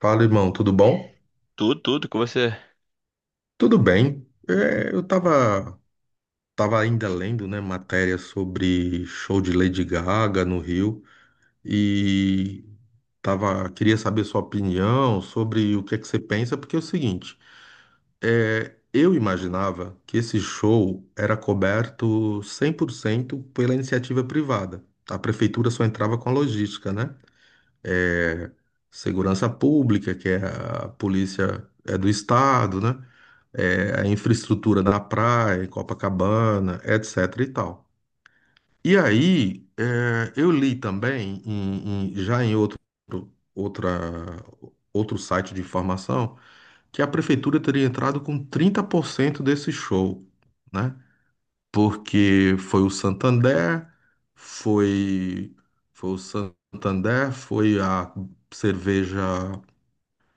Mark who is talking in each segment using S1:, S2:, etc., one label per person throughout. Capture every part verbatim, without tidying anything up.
S1: Fala, irmão, tudo bom?
S2: Tudo, tudo que você.
S1: Tudo bem. É, eu tava, tava ainda lendo, né, matéria sobre show de Lady Gaga no Rio e tava, queria saber sua opinião sobre o que é que você pensa, porque é o seguinte, é, eu imaginava que esse show era coberto cem por cento pela iniciativa privada. A prefeitura só entrava com a logística, né? É, segurança pública, que é a polícia é do estado, né? É, a infraestrutura da praia, Copacabana, et cetera e tal. E aí, é, eu li também, em- em- já em outro, outra, outro site de informação, que a prefeitura teria entrado com trinta por cento desse show, né? Porque foi o Santander, foi, foi o Santander, foi a cerveja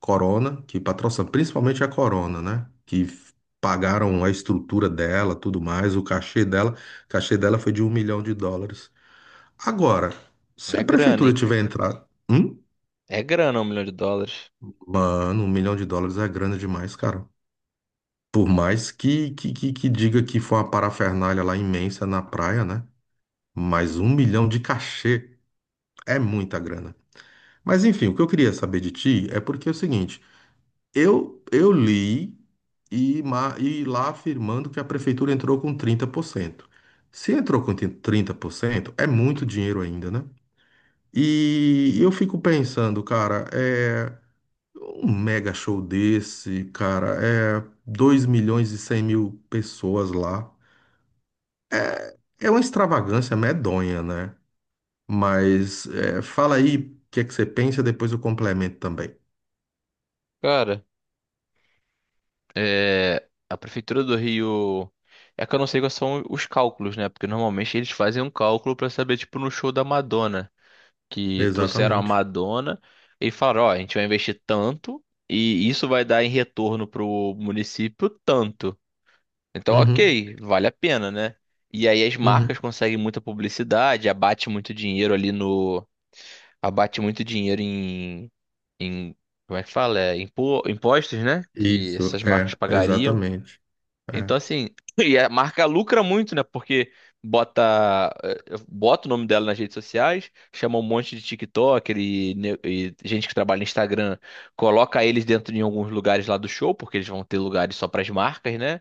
S1: Corona, que patrocina principalmente a Corona, né? Que f- pagaram a estrutura dela, tudo mais, o cachê dela. O cachê dela foi de um milhão de dólares. Agora, se
S2: É
S1: a
S2: grana,
S1: prefeitura
S2: hein?
S1: tiver entrado. Hum?
S2: É grana, um milhão de dólares.
S1: Mano, um milhão de dólares é grana demais, cara. Por mais que, que, que, que diga que foi uma parafernália lá imensa na praia, né? Mas um milhão de cachê é muita grana. Mas enfim, o que eu queria saber de ti é porque é o seguinte. Eu, eu li e, ma- e lá afirmando que a prefeitura entrou com trinta por cento. Se entrou com trinta por cento, é muito dinheiro ainda, né? E eu fico pensando, cara, é um mega show desse, cara, é dois milhões e cem mil pessoas lá. É uma extravagância medonha, né? Mas é, fala aí o que é que você pensa, depois eu complemento também.
S2: Cara, é. A Prefeitura do Rio. É que eu não sei quais são os cálculos, né? Porque normalmente eles fazem um cálculo pra saber, tipo, no show da Madonna. Que trouxeram a
S1: Exatamente.
S2: Madonna e falaram: ó, a gente vai investir tanto e isso vai dar em retorno pro município tanto. Então,
S1: Uhum,
S2: ok, vale a pena, né? E aí as marcas
S1: uhum.
S2: conseguem muita publicidade, abate muito dinheiro ali no. Abate muito dinheiro em. em como é que fala? É, impo- impostos, né? Que
S1: Isso,
S2: essas marcas
S1: é,
S2: pagariam.
S1: exatamente. É.
S2: Então, assim, e a marca lucra muito, né? Porque bota, eh, bota o nome dela nas redes sociais, chama um monte de TikTok e, ne- e gente que trabalha no Instagram, coloca eles dentro de alguns lugares lá do show, porque eles vão ter lugares só para as marcas, né?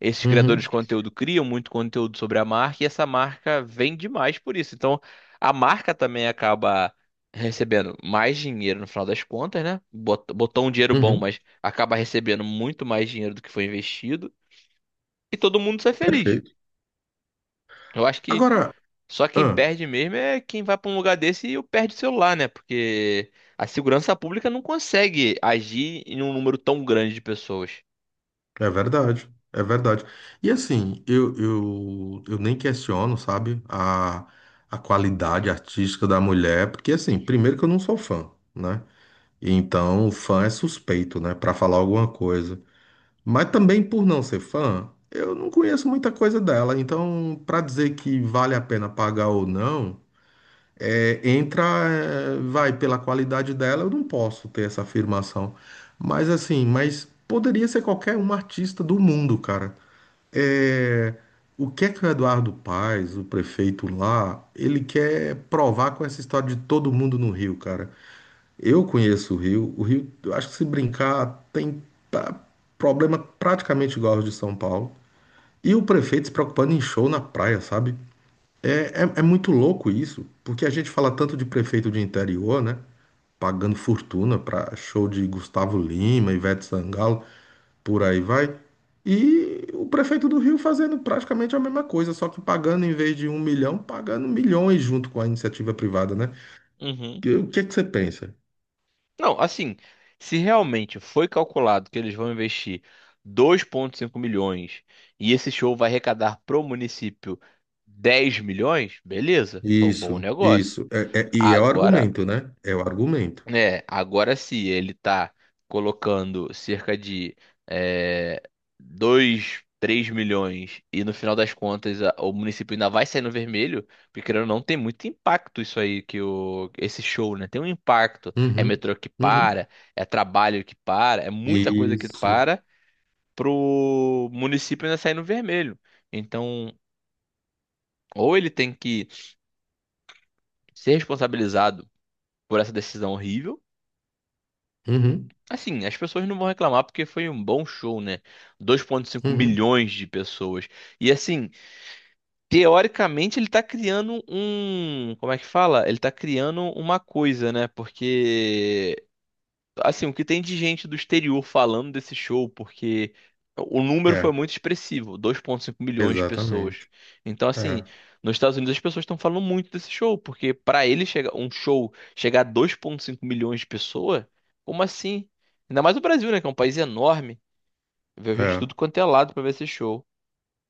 S2: Esses criadores de
S1: Uhum,
S2: conteúdo criam muito conteúdo sobre a marca e essa marca vende mais por isso. Então, a marca também acaba recebendo mais dinheiro no final das contas, né? Bot- Botou um dinheiro bom,
S1: uhum,
S2: mas acaba recebendo muito mais dinheiro do que foi investido e todo mundo sai feliz.
S1: perfeito.
S2: Eu acho que
S1: Agora,
S2: só quem
S1: ah,
S2: perde mesmo é quem vai para um lugar desse e perde o celular, né? Porque a segurança pública não consegue agir em um número tão grande de pessoas.
S1: é verdade, é verdade. E assim, eu, eu, eu nem questiono, sabe, a, a qualidade artística da mulher, porque assim, primeiro que eu não sou fã, né? Então, fã é suspeito, né, pra falar alguma coisa. Mas também por não ser fã, eu não conheço muita coisa dela. Então, pra dizer que vale a pena pagar ou não. É, entra, é, vai, pela qualidade dela, eu não posso ter essa afirmação. Mas assim, mas poderia ser qualquer um artista do mundo, cara. É, o que é que o Eduardo Paes, o prefeito lá, ele quer provar com essa história de todo mundo no Rio, cara? Eu conheço o Rio, o Rio, eu acho que se brincar, tem pa- problema praticamente igual aos de São Paulo. E o prefeito se preocupando em show na praia, sabe? É, é, é muito louco isso, porque a gente fala tanto de prefeito de interior, né? Pagando fortuna para show de Gustavo Lima, Ivete Sangalo, por aí vai. E o prefeito do Rio fazendo praticamente a mesma coisa, só que pagando em vez de um milhão, pagando milhões junto com a iniciativa privada, né?
S2: Uhum.
S1: E o que é que você pensa?
S2: Não, assim, se realmente foi calculado que eles vão investir dois vírgula cinco milhões e esse show vai arrecadar pro município dez milhões, beleza, foi um bom
S1: Isso,
S2: negócio.
S1: isso. É- é- e é o
S2: Agora
S1: argumento, né? É o argumento.
S2: é, agora se ele tá colocando cerca de é, dois, três milhões e no final das contas a- o município ainda vai sair no vermelho, porque querendo ou não tem muito impacto isso aí que o, esse show, né? Tem um impacto. É
S1: Uhum,
S2: metrô que
S1: uhum.
S2: para, é trabalho que para, é muita coisa que
S1: Isso.
S2: para pro município ainda sair no vermelho. Então, ou ele tem que ser responsabilizado por essa decisão horrível
S1: Uhum,
S2: Assim, as pessoas não vão reclamar porque foi um bom show, né? dois vírgula cinco
S1: uhum.
S2: milhões de pessoas. E assim, teoricamente ele tá criando um. Como é que fala? Ele tá criando uma coisa, né? Porque assim, o que tem de gente do exterior falando desse show, porque o número foi
S1: É,
S2: muito expressivo, dois vírgula cinco milhões de pessoas.
S1: exatamente.
S2: Então, assim,
S1: É,
S2: nos Estados Unidos as pessoas estão falando muito desse show, porque para ele chegar um show chegar a dois vírgula cinco milhões de pessoas, como assim? Ainda mais o Brasil, né, que é um país enorme, veio gente de
S1: é.
S2: tudo quanto é lado para ver esse show.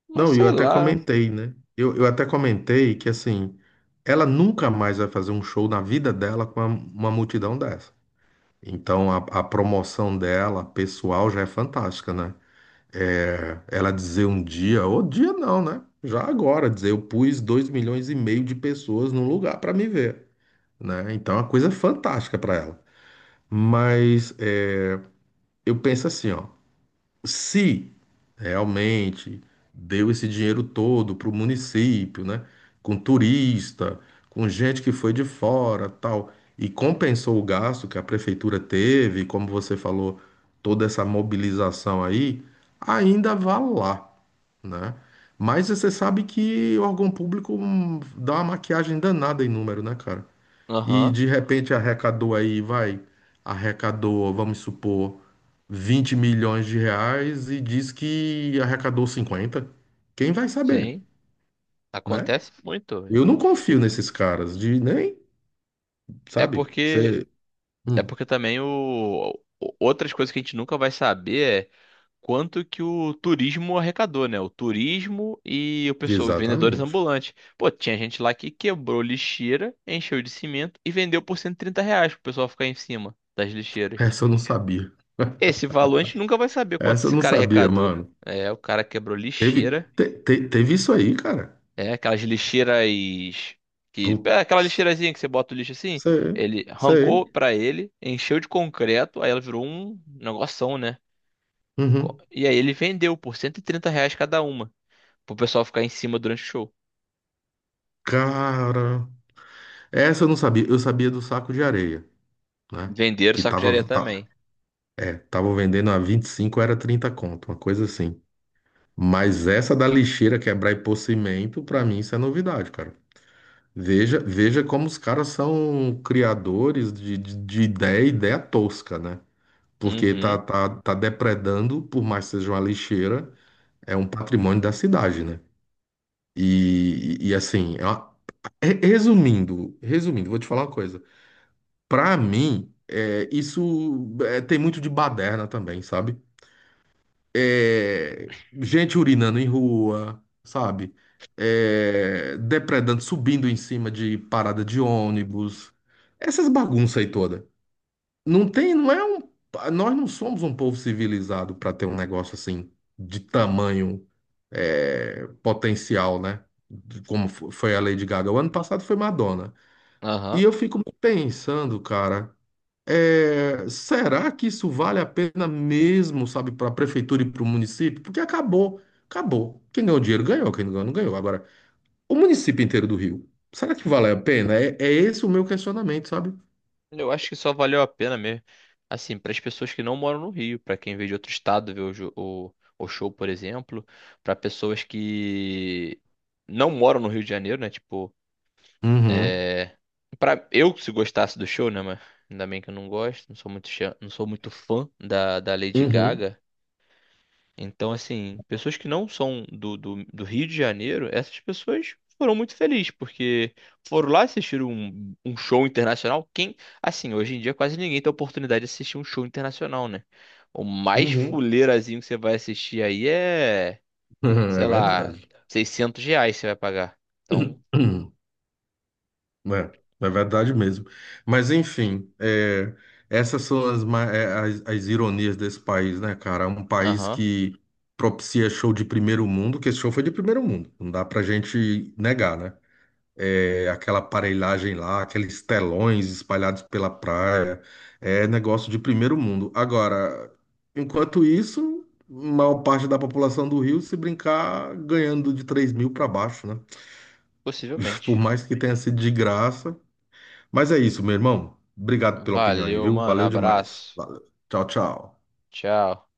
S2: Mas
S1: Não, eu
S2: sei
S1: até
S2: lá.
S1: comentei, né? Eu, eu até comentei que, assim, ela nunca mais vai fazer um show na vida dela com uma, uma multidão dessa. Então, a, a promoção dela, pessoal, já é fantástica, né? É, ela dizer um dia, ou dia não, né? Já agora, dizer, eu pus dois milhões e meio de pessoas num lugar para me ver, né? Então, é uma coisa fantástica para ela. Mas é, eu penso assim, ó, se realmente deu esse dinheiro todo para o município, né? Com turista, com gente que foi de fora, tal, e compensou o gasto que a prefeitura teve, como você falou, toda essa mobilização aí, ainda vá lá, né? Mas você sabe que o órgão público hum, dá uma maquiagem danada em número, né, cara? E
S2: Aham,
S1: de repente arrecadou aí, vai, arrecadou, vamos supor, vinte milhões de reais e diz que arrecadou cinquenta. Quem vai saber,
S2: sim,
S1: né?
S2: acontece muito, velho.
S1: Eu não confio nesses caras de nem,
S2: É
S1: sabe?
S2: porque
S1: Você.
S2: é
S1: Hum,
S2: porque também o o- outras coisas que a gente nunca vai saber quanto que o turismo arrecadou, né? O turismo e o pessoal, os vendedores
S1: exatamente.
S2: ambulantes. Pô, tinha gente lá que quebrou lixeira, encheu de cimento e vendeu por cento e trinta reais pro pessoal ficar em cima das lixeiras.
S1: Essa eu não sabia.
S2: Esse valor a gente nunca vai saber quanto
S1: Essa eu
S2: esse
S1: não
S2: cara
S1: sabia,
S2: arrecadou.
S1: mano.
S2: É, o cara quebrou
S1: Teve,
S2: lixeira.
S1: te- te- teve isso aí, cara.
S2: É, aquelas lixeiras que... É aquela
S1: Putz,
S2: lixeirazinha que você bota o lixo assim.
S1: sei,
S2: Ele arrancou
S1: sei.
S2: pra ele, encheu de concreto, aí ela virou um negoção, né? Co-
S1: Uhum.
S2: E aí ele vendeu por cento e trinta reais cada uma pro pessoal ficar em cima durante o show.
S1: Cara, essa eu não sabia. Eu sabia do saco de areia, né?
S2: Venderam
S1: Que
S2: saco de areia
S1: tava, tá-
S2: também.
S1: é, tava vendendo a vinte e cinco, era trinta conto, uma coisa assim. Mas essa da lixeira quebrar e pôr cimento, pra mim isso é novidade, cara. Veja, veja como os caras são criadores de, de, de ideia, ideia tosca, né? Porque tá,
S2: Uhum,
S1: tá, tá depredando, por mais que seja uma lixeira, é um patrimônio da cidade, né? E, e assim, é uma- re- resumindo, resumindo, vou te falar uma coisa. Pra mim, é, isso é, tem muito de baderna também, sabe? É, gente urinando em rua, sabe? É, depredando, subindo em cima de parada de ônibus, essas bagunças aí toda. Não tem, não é um, nós não somos um povo civilizado para ter um negócio assim de tamanho, é, potencial, né? De como fo- foi a Lady Gaga. O ano passado foi Madonna. E
S2: aham.
S1: eu fico pensando, cara. É, será que isso vale a pena mesmo, sabe, para a prefeitura e para o município? Porque acabou, acabou. Quem ganhou dinheiro ganhou, quem não ganhou não ganhou. Agora, o município inteiro do Rio, será que vale a pena? É, é esse o meu questionamento, sabe?
S2: Eu acho que só valeu a pena mesmo. Assim, para as pessoas que não moram no Rio, para quem veio de outro estado ver o, jo- o, o show, por exemplo, para pessoas que não moram no Rio de Janeiro, né? Tipo,
S1: Uhum,
S2: para eu se gostasse do show, né? Mas ainda bem que eu não gosto, não sou muito, chã- não sou muito fã da, da Lady
S1: uhum,
S2: Gaga. Então, assim, pessoas que não são do, do, do Rio de Janeiro, essas pessoas foram muito felizes, porque foram lá assistir um, um show internacional. Quem, assim, hoje em dia quase ninguém tem a oportunidade de assistir um show internacional, né? O mais
S1: uhum.
S2: fuleirazinho que você vai assistir aí é,
S1: É
S2: sei lá,
S1: verdade.
S2: seiscentos reais você vai pagar. Então,
S1: É, é verdade mesmo. Mas enfim, é, essas são as, ma- é, as, as ironias desse país, né, cara? Um país
S2: aham,
S1: que propicia show de primeiro mundo, que esse show foi de primeiro mundo, não dá pra gente negar, né? É, aquela aparelhagem lá, aqueles telões espalhados pela praia, é negócio de primeiro mundo. Agora, enquanto isso, maior parte da população do Rio, se brincar, ganhando de três mil para baixo, né? Por
S2: possivelmente.
S1: mais que tenha sido de graça. Mas é isso, meu irmão. Obrigado pela opinião aí,
S2: Valeu,
S1: viu?
S2: mano,
S1: Valeu demais.
S2: abraço.
S1: Valeu. Tchau, tchau.
S2: Tchau.